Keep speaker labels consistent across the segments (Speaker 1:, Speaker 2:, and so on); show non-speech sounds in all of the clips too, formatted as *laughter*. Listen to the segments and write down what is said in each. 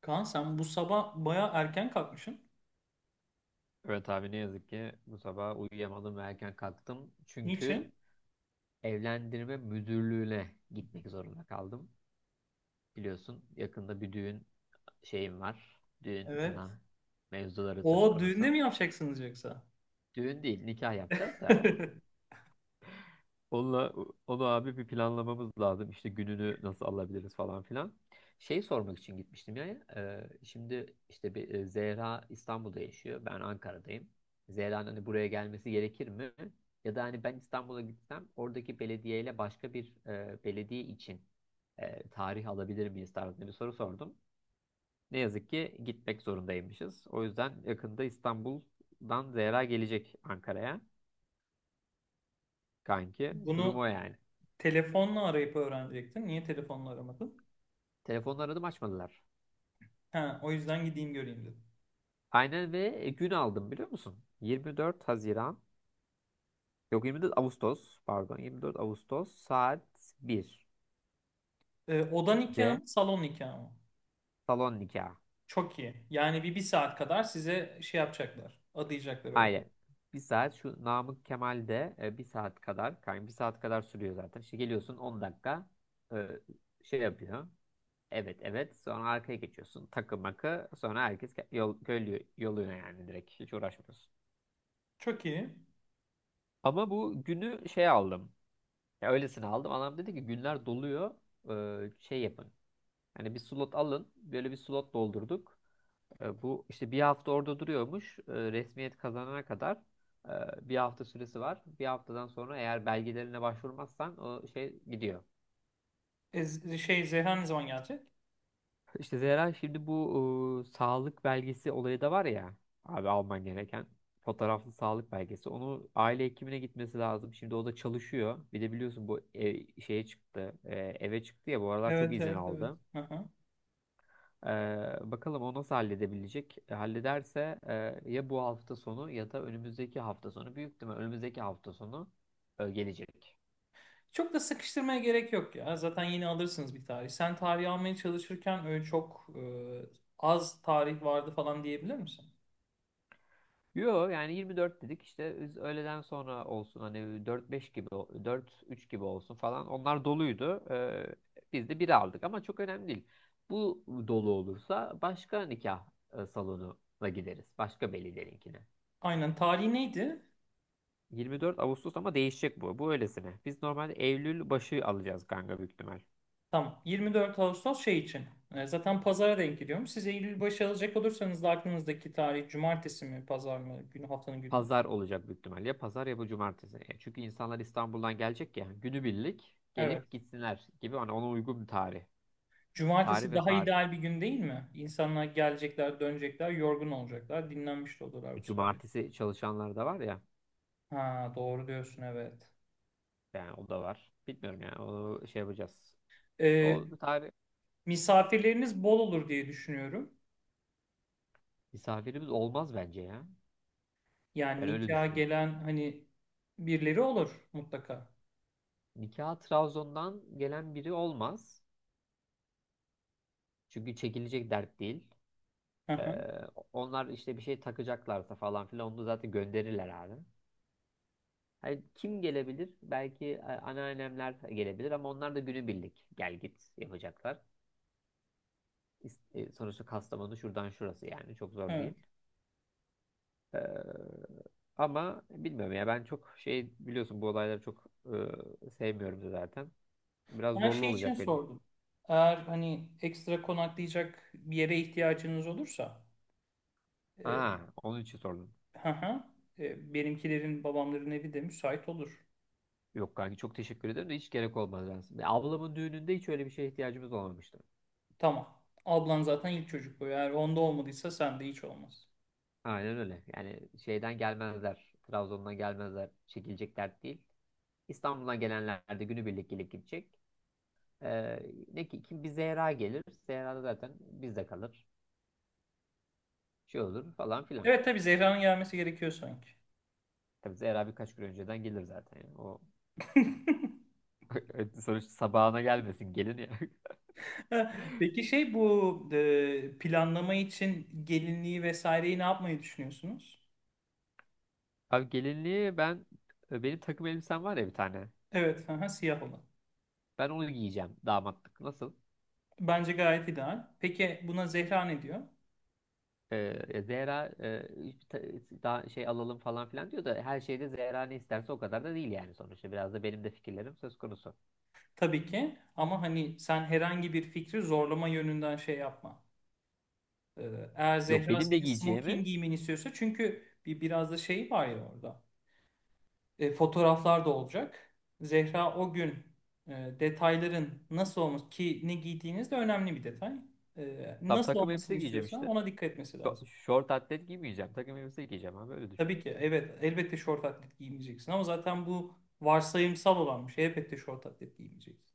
Speaker 1: Kaan sen bu sabah baya erken kalkmışsın.
Speaker 2: Evet abi ne yazık ki bu sabah uyuyamadım ve erken kalktım. Çünkü
Speaker 1: Niçin?
Speaker 2: evlendirme müdürlüğüne gitmek zorunda kaldım. Biliyorsun yakında bir düğün şeyim var. Düğün
Speaker 1: Evet.
Speaker 2: kına mevzuları söz
Speaker 1: O düğünde
Speaker 2: konusu.
Speaker 1: mi yapacaksınız yoksa?
Speaker 2: Düğün değil nikah yapacağız da
Speaker 1: *laughs*
Speaker 2: Onunla, onu abi bir planlamamız lazım. İşte gününü nasıl alabiliriz falan filan. Şey sormak için gitmiştim ya. Şimdi işte bir Zehra İstanbul'da yaşıyor. Ben Ankara'dayım. Zehra'nın hani buraya gelmesi gerekir mi? Ya da hani ben İstanbul'a gitsem oradaki belediyeyle başka bir belediye için tarih alabilir miyiz tarzında bir soru sordum. Ne yazık ki gitmek zorundaymışız. O yüzden yakında İstanbul'dan Zehra gelecek Ankara'ya kanki. Durum
Speaker 1: Bunu
Speaker 2: o yani.
Speaker 1: telefonla arayıp öğrenecektin. Niye telefonla aramadın?
Speaker 2: Telefonla aradım açmadılar.
Speaker 1: Ha, o yüzden gideyim göreyim dedim.
Speaker 2: Aynen ve gün aldım biliyor musun? 24 Haziran, yok 24 Ağustos, pardon 24 Ağustos saat 1'de
Speaker 1: Oda nikahı mı, salon nikahı mı?
Speaker 2: salon nikahı.
Speaker 1: Çok iyi. Yani bir saat kadar size şey yapacaklar. Adayacaklar o
Speaker 2: Aynen.
Speaker 1: odayı.
Speaker 2: Bir saat şu Namık Kemal'de bir saat kadar, yani bir saat kadar sürüyor zaten. İşte geliyorsun 10 dakika e, şey yapıyor. Evet, evet, sonra arkaya geçiyorsun. Takı makı sonra herkes yol, köylü yoluna yani direkt hiç uğraşmıyorsun.
Speaker 1: Çok iyi.
Speaker 2: Ama bu günü şey aldım. Ya öylesine aldım. Adam dedi ki günler doluyor. Şey yapın. Hani bir slot alın. Böyle bir slot doldurduk. Bu işte bir hafta orada duruyormuş. Resmiyet kazanana kadar bir hafta süresi var. Bir haftadan sonra eğer belgelerine başvurmazsan o şey gidiyor.
Speaker 1: Zehra ne zaman gelecek?
Speaker 2: İşte Zehra şimdi bu sağlık belgesi olayı da var ya abi alman gereken fotoğraflı sağlık belgesi. Onu aile hekimine gitmesi lazım. Şimdi o da çalışıyor. Bir de biliyorsun bu eve çıktı ya bu aralar çok
Speaker 1: Evet,
Speaker 2: izin
Speaker 1: evet, evet.
Speaker 2: aldı.
Speaker 1: Aha.
Speaker 2: Bakalım o nasıl halledebilecek? Hallederse ya bu hafta sonu ya da önümüzdeki hafta sonu. Büyük ihtimal önümüzdeki hafta sonu gelecek.
Speaker 1: Çok da sıkıştırmaya gerek yok ya. Zaten yeni alırsınız bir tarih. Sen tarih almaya çalışırken öyle çok az tarih vardı falan diyebilir misin?
Speaker 2: Yo, yani 24 dedik işte biz öğleden sonra olsun hani 4-5 gibi 4-3 gibi olsun falan. Onlar doluydu. Biz de bir aldık ama çok önemli değil. Bu dolu olursa başka nikah salonuna gideriz. Başka velilerinkine.
Speaker 1: Aynen. Tarih neydi?
Speaker 2: 24 Ağustos ama değişecek bu. Bu öylesine. Biz normalde Eylül başı alacağız kanka büyük ihtimal.
Speaker 1: Tamam. 24 Ağustos şey için. E, zaten pazara denk giriyorum. Siz Eylül başı alacak olursanız da aklınızdaki tarih cumartesi mi, pazar mı? Günü, haftanın günü alın.
Speaker 2: Pazar olacak büyük ihtimalle. Ya Pazar ya bu cumartesi. Çünkü insanlar İstanbul'dan gelecek ya. Günübirlik
Speaker 1: Evet.
Speaker 2: gelip gitsinler gibi. Hani ona uygun bir tarih. Tarih
Speaker 1: Cumartesi
Speaker 2: ve
Speaker 1: daha
Speaker 2: saat.
Speaker 1: ideal bir gün değil mi? İnsanlar gelecekler, dönecekler, yorgun olacaklar, dinlenmiş de olurlar bu sayede.
Speaker 2: Cumartesi çalışanlar da var ya.
Speaker 1: Ha, doğru diyorsun, evet.
Speaker 2: Yani o da var. Bilmiyorum yani. Onu şey yapacağız.
Speaker 1: E,
Speaker 2: O tarih
Speaker 1: Misafirleriniz bol olur diye düşünüyorum.
Speaker 2: Misafirimiz olmaz bence ya.
Speaker 1: Yani
Speaker 2: Ben öyle
Speaker 1: nikaha
Speaker 2: düşünüyorum.
Speaker 1: gelen hani birileri olur mutlaka.
Speaker 2: Nikah Trabzon'dan gelen biri olmaz. Çünkü çekilecek dert değil.
Speaker 1: Hı hı,
Speaker 2: Ee, Onlar işte bir şey takacaklarsa falan filan onu zaten gönderirler abi. Hani kim gelebilir? Belki anneannemler gelebilir ama onlar da günübirlik gel git yapacaklar. Sonuçta Kastamonu şuradan şurası yani çok zor
Speaker 1: evet.
Speaker 2: değil. Ee, Ama bilmiyorum ya ben çok şey biliyorsun bu olayları çok sevmiyorum da zaten. Biraz
Speaker 1: Ben
Speaker 2: zorlu
Speaker 1: şey için
Speaker 2: olacak benim.
Speaker 1: sordum. Eğer hani ekstra konaklayacak bir yere ihtiyacınız olursa e,
Speaker 2: Ha, onun için sordum.
Speaker 1: hı hı, benimkilerin, babamların evi de müsait olur.
Speaker 2: Yok kanki çok teşekkür ederim de hiç gerek olmaz aslında. Ablamın düğününde hiç öyle bir şeye ihtiyacımız olmamıştı.
Speaker 1: Tamam. Ablan zaten ilk çocuk bu. Eğer onda olmadıysa sende hiç olmaz.
Speaker 2: Aynen öyle. Yani şeyden gelmezler. Trabzon'dan gelmezler. Çekilecek dert değil. İstanbul'dan gelenler de günübirlik gelip gidecek. Ee, Ne ki kim bir Zehra gelir. Zehra da zaten bizde kalır. Şey olur falan filan.
Speaker 1: Evet, tabii
Speaker 2: Yani,
Speaker 1: Zehra'nın gelmesi gerekiyor sanki.
Speaker 2: tabii Zehra birkaç gün önceden gelir zaten, yani. O
Speaker 1: *laughs*
Speaker 2: *laughs* sonuçta sabahına gelmesin gelin ya.
Speaker 1: *laughs* Ha, peki şey bu planlama için gelinliği vesaireyi ne yapmayı düşünüyorsunuz?
Speaker 2: *laughs* Abi gelinliği ben benim takım elbisem var ya bir tane.
Speaker 1: Evet, aha, siyah olan.
Speaker 2: Ben onu giyeceğim damatlık. Nasıl?
Speaker 1: Bence gayet ideal. Peki buna Zehra ne diyor?
Speaker 2: Zehra hiç daha şey alalım falan filan diyor da her şeyde Zehra ne isterse o kadar da değil yani sonuçta. Biraz da benim de fikirlerim söz konusu.
Speaker 1: Tabii ki, ama hani sen herhangi bir fikri zorlama yönünden şey yapma. Ee, Eğer
Speaker 2: Yok
Speaker 1: Zehra
Speaker 2: benim de
Speaker 1: senin smoking
Speaker 2: giyeceğimi.
Speaker 1: giymeni istiyorsa, çünkü bir biraz da şey var ya orada. Fotoğraflar da olacak. Zehra o gün e, detayların nasıl olması ki ne giydiğiniz de önemli bir detay. E,
Speaker 2: Tam
Speaker 1: nasıl
Speaker 2: takım
Speaker 1: olmasını
Speaker 2: elbise giyeceğim
Speaker 1: istiyorsa
Speaker 2: işte.
Speaker 1: ona dikkat etmesi lazım.
Speaker 2: Şort atlet giymeyeceğim. Takım elbise giyeceğim abi öyle düşün.
Speaker 1: Tabii ki, evet, elbette şort atlet giymeyeceksin, ama zaten bu varsayımsal olan bir şey. Elbette şort atlet giymeyeceksin.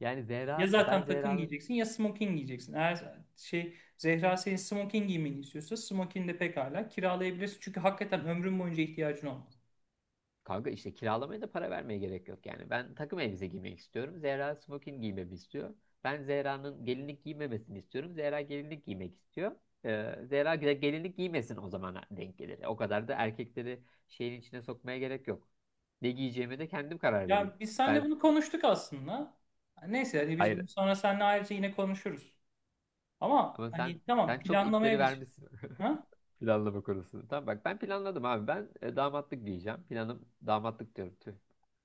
Speaker 2: Yani
Speaker 1: Ya
Speaker 2: Zehra ben
Speaker 1: zaten takım
Speaker 2: Zehra'nın.
Speaker 1: giyeceksin ya smoking giyeceksin. Eğer şey Zehra senin smoking giymeni istiyorsa, smoking de pekala kiralayabilirsin. Çünkü hakikaten ömrün boyunca ihtiyacın olmaz.
Speaker 2: Kanka işte kiralamaya da para vermeye gerek yok yani. Ben takım elbise giymek istiyorum. Zehra smoking giymemi istiyor. Ben Zehra'nın gelinlik giymemesini istiyorum. Zehra gelinlik giymek istiyor. Zehra gelinlik giymesin o zaman denk gelir. O kadar da erkekleri şeyin içine sokmaya gerek yok. Ne giyeceğime de kendim karar vereyim.
Speaker 1: Ya biz seninle
Speaker 2: Ben,
Speaker 1: bunu konuştuk aslında. Neyse, hani biz
Speaker 2: hayır,
Speaker 1: bunu sonra seninle ayrıca yine konuşuruz. Ama
Speaker 2: ama sen
Speaker 1: hani tamam,
Speaker 2: sen çok ipleri
Speaker 1: planlamaya bir şey.
Speaker 2: vermişsin.
Speaker 1: Ha?
Speaker 2: *laughs* Planlama konusunda. Tamam bak ben planladım abi. Ben damatlık giyeceğim. Planım damatlık diyorum. Tüh.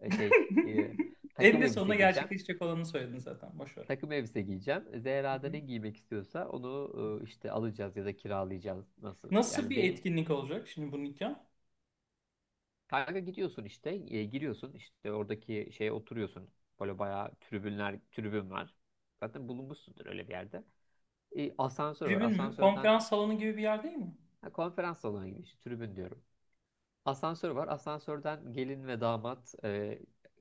Speaker 2: E, şey e,
Speaker 1: *laughs*
Speaker 2: Takım
Speaker 1: Eninde
Speaker 2: elbise
Speaker 1: sonunda
Speaker 2: giyeceğim.
Speaker 1: gerçekleşecek olanı söyledin zaten. Boş ver.
Speaker 2: Takım elbise giyeceğim.
Speaker 1: Hı
Speaker 2: Zehra da
Speaker 1: hı.
Speaker 2: ne giymek istiyorsa onu işte alacağız ya da kiralayacağız. Nasıl?
Speaker 1: Nasıl
Speaker 2: Yani
Speaker 1: bir
Speaker 2: benim.
Speaker 1: etkinlik olacak şimdi bu nikah?
Speaker 2: Kanka gidiyorsun işte giriyorsun işte oradaki şeye oturuyorsun. Böyle bayağı tribünler tribün var. Zaten bulunmuşsundur öyle bir yerde. Asansör var.
Speaker 1: Tribün mü?
Speaker 2: Asansörden.
Speaker 1: Konferans salonu gibi bir yer değil mi?
Speaker 2: Ha, konferans salonuna gidiyorsun. Tribün diyorum. Asansör var. Asansörden gelin ve damat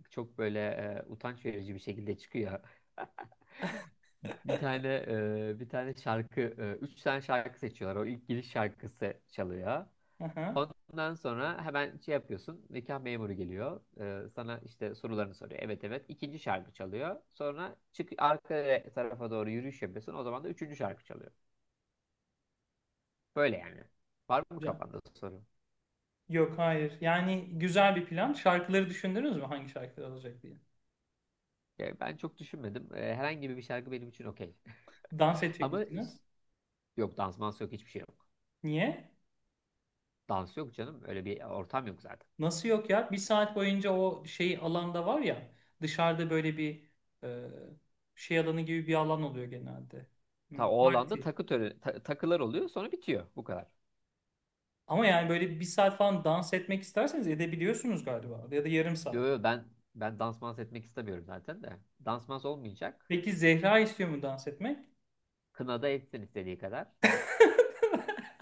Speaker 2: çok böyle utanç verici bir şekilde çıkıyor. Bir tane e, bir tane şarkı, e, Üç tane şarkı seçiyorlar. O ilk giriş şarkısı çalıyor.
Speaker 1: Hı.
Speaker 2: Ondan sonra hemen şey yapıyorsun. Nikah memuru geliyor. Sana işte sorularını soruyor. Evet, evet. İkinci şarkı çalıyor. Sonra çık arka tarafa doğru yürüyüş yapıyorsun. O zaman da üçüncü şarkı çalıyor. Böyle yani. Var mı
Speaker 1: Güzel.
Speaker 2: kafanda soru?
Speaker 1: Yok, hayır. Yani güzel bir plan. Şarkıları düşündünüz mü? Hangi şarkılar olacak diye.
Speaker 2: Ben çok düşünmedim. Herhangi bir şarkı benim için okey.
Speaker 1: Dans edecek
Speaker 2: Ama
Speaker 1: misiniz?
Speaker 2: Yok dans mans yok, hiçbir şey yok.
Speaker 1: Niye?
Speaker 2: Dans yok canım. Öyle bir ortam yok zaten.
Speaker 1: Nasıl yok ya? Bir saat boyunca o şey alanda var ya, dışarıda böyle bir e, şey alanı gibi bir alan oluyor genelde. Hı,
Speaker 2: Ta o alanda
Speaker 1: parti.
Speaker 2: takı töreni, takılar oluyor sonra bitiyor. Bu kadar.
Speaker 1: Ama yani böyle bir saat falan dans etmek isterseniz edebiliyorsunuz galiba. Ya da yarım
Speaker 2: Yo,
Speaker 1: saat.
Speaker 2: yo, ben dans mans etmek istemiyorum zaten de. Dans mans olmayacak.
Speaker 1: Peki Zehra istiyor mu dans etmek?
Speaker 2: Kınada etsin istediği kadar.
Speaker 1: *laughs*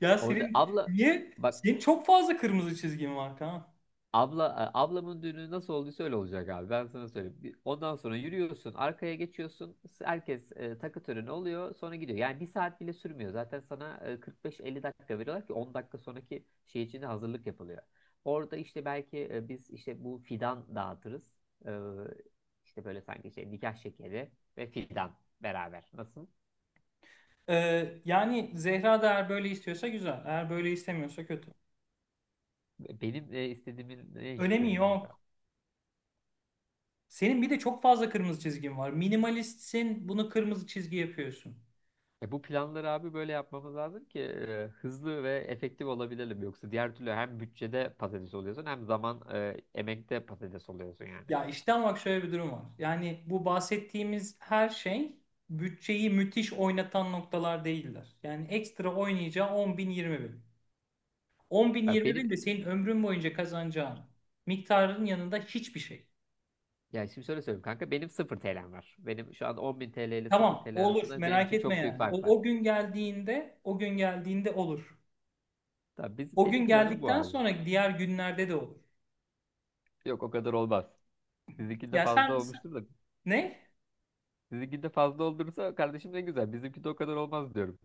Speaker 1: Ya
Speaker 2: Orada
Speaker 1: senin
Speaker 2: abla
Speaker 1: niye?
Speaker 2: bak.
Speaker 1: Senin çok fazla kırmızı çizgin var, Kaan.
Speaker 2: Abla, ablamın düğünü nasıl olduysa öyle olacak abi. Ben sana söyleyeyim. Ondan sonra yürüyorsun, arkaya geçiyorsun. Herkes takı töreni oluyor, sonra gidiyor. Yani bir saat bile sürmüyor. Zaten sana 45-50 dakika veriyorlar ki 10 dakika sonraki şey için de hazırlık yapılıyor. Orada işte belki biz işte bu fidan dağıtırız. E, işte böyle sanki şey nikah şekeri ve fidan beraber. Nasıl?
Speaker 1: Yani Zehra da eğer böyle istiyorsa güzel. Eğer böyle istemiyorsa kötü.
Speaker 2: Benim istediğimin hiçbir
Speaker 1: Önemi
Speaker 2: önemi yok.
Speaker 1: yok. Senin bir de çok fazla kırmızı çizgin var. Minimalistsin, bunu kırmızı çizgi yapıyorsun.
Speaker 2: Bu planları abi böyle yapmamız lazım ki hızlı ve efektif olabilelim. Yoksa diğer türlü hem bütçede patates oluyorsun hem zaman emekte patates oluyorsun yani.
Speaker 1: Ya işte ama bak, şöyle bir durum var. Yani bu bahsettiğimiz her şey bütçeyi müthiş oynatan noktalar değiller. Yani ekstra oynayacağı 10 bin 20 bin. 10 bin
Speaker 2: Bak
Speaker 1: 20
Speaker 2: benim.
Speaker 1: bin de senin ömrün boyunca kazanacağın miktarın yanında hiçbir şey.
Speaker 2: Yani şimdi şöyle söyleyeyim kanka benim 0 TL'm var. Benim şu an 10.000 TL ile 0
Speaker 1: Tamam
Speaker 2: TL
Speaker 1: olur,
Speaker 2: arasında benim
Speaker 1: merak
Speaker 2: için
Speaker 1: etme
Speaker 2: çok büyük
Speaker 1: yani.
Speaker 2: fark
Speaker 1: O,
Speaker 2: var.
Speaker 1: o gün geldiğinde olur.
Speaker 2: Tabii biz,
Speaker 1: O
Speaker 2: benim
Speaker 1: gün
Speaker 2: planım bu
Speaker 1: geldikten
Speaker 2: abi.
Speaker 1: sonra diğer günlerde de olur.
Speaker 2: Yok o kadar olmaz. Sizinkinde
Speaker 1: Ya
Speaker 2: fazla
Speaker 1: sen sen-
Speaker 2: olmuştur da.
Speaker 1: Ne?
Speaker 2: Sizinkinde fazla olursa kardeşim ne güzel. Bizimkinde o kadar olmaz diyorum.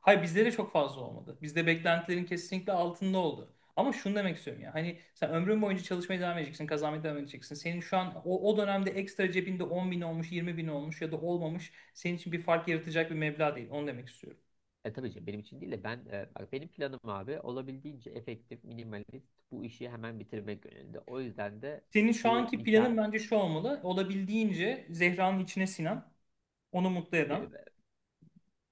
Speaker 1: Hayır, bizde de çok fazla olmadı. Bizde beklentilerin kesinlikle altında oldu. Ama şunu demek istiyorum ya. Hani sen ömrün boyunca çalışmaya devam edeceksin, kazanmaya devam edeceksin. Senin şu an o dönemde ekstra cebinde 10 bin olmuş, 20 bin olmuş ya da olmamış senin için bir fark yaratacak bir meblağ değil. Onu demek istiyorum.
Speaker 2: Tabii ki benim için değil de ben bak benim planım abi olabildiğince efektif, minimalist bu işi hemen bitirmek yönünde. O yüzden de
Speaker 1: Senin şu
Speaker 2: bu
Speaker 1: anki
Speaker 2: nikah
Speaker 1: planın bence şu olmalı. Olabildiğince Zehra'nın içine sinen, onu mutlu
Speaker 2: e,
Speaker 1: eden.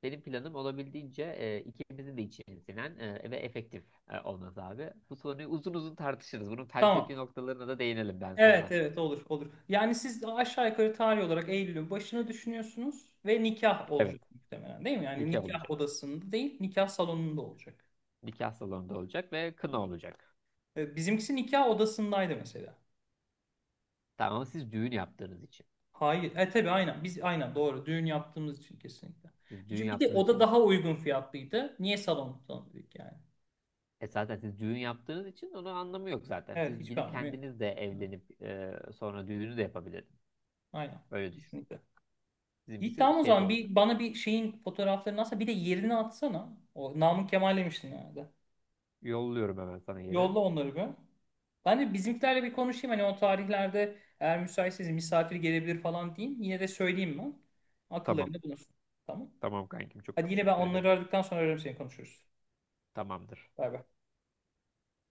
Speaker 2: benim planım olabildiğince ikimizin de içine sinen ve efektif olması abi. Bu soruyu uzun uzun tartışırız. Bunun felsefi
Speaker 1: Tamam.
Speaker 2: noktalarına da değinelim ben
Speaker 1: Evet
Speaker 2: seninle.
Speaker 1: evet, olur olur. Yani siz aşağı yukarı tarih olarak Eylül'ün başını düşünüyorsunuz ve nikah
Speaker 2: Evet,
Speaker 1: olacak muhtemelen, değil mi? Yani
Speaker 2: nikah
Speaker 1: nikah
Speaker 2: olacak.
Speaker 1: odasında değil, nikah salonunda olacak.
Speaker 2: Nikah salonunda olacak ve kına olacak.
Speaker 1: E, bizimkisi nikah odasındaydı mesela.
Speaker 2: Tamam ama siz düğün yaptığınız için.
Speaker 1: Hayır. E tabii, aynen. Biz aynen doğru. Düğün yaptığımız için kesinlikle.
Speaker 2: Siz düğün
Speaker 1: Bir de
Speaker 2: yaptığınız
Speaker 1: oda
Speaker 2: için.
Speaker 1: daha uygun fiyatlıydı. Niye salon tutalım dedik yani.
Speaker 2: Zaten siz düğün yaptığınız için onun anlamı yok zaten.
Speaker 1: Evet,
Speaker 2: Siz
Speaker 1: hiçbir
Speaker 2: gidip
Speaker 1: anlamı yok.
Speaker 2: kendiniz de
Speaker 1: Evet,
Speaker 2: evlenip sonra düğünü de yapabilirdiniz.
Speaker 1: aynen.
Speaker 2: Öyle düşün.
Speaker 1: Kesinlikle. İyi,
Speaker 2: Bizimkisi
Speaker 1: tamam, o
Speaker 2: şeyde
Speaker 1: zaman
Speaker 2: olacak.
Speaker 1: bir bana bir şeyin fotoğraflarını atsana. Bir de yerini atsana. O Namık Kemal demiştin yani.
Speaker 2: Yolluyorum hemen sana yeri.
Speaker 1: Yolla onları bir. Ben de bizimkilerle bir konuşayım. Hani o tarihlerde eğer müsaitseniz misafir gelebilir falan diyeyim. Yine de söyleyeyim ben.
Speaker 2: Tamam.
Speaker 1: Akıllarında bulunsun. Tamam.
Speaker 2: Tamam kankim çok
Speaker 1: Hadi, yine ben
Speaker 2: teşekkür
Speaker 1: onları
Speaker 2: ederim.
Speaker 1: aradıktan sonra ararım, seni konuşuruz.
Speaker 2: Tamamdır.
Speaker 1: Bay bay.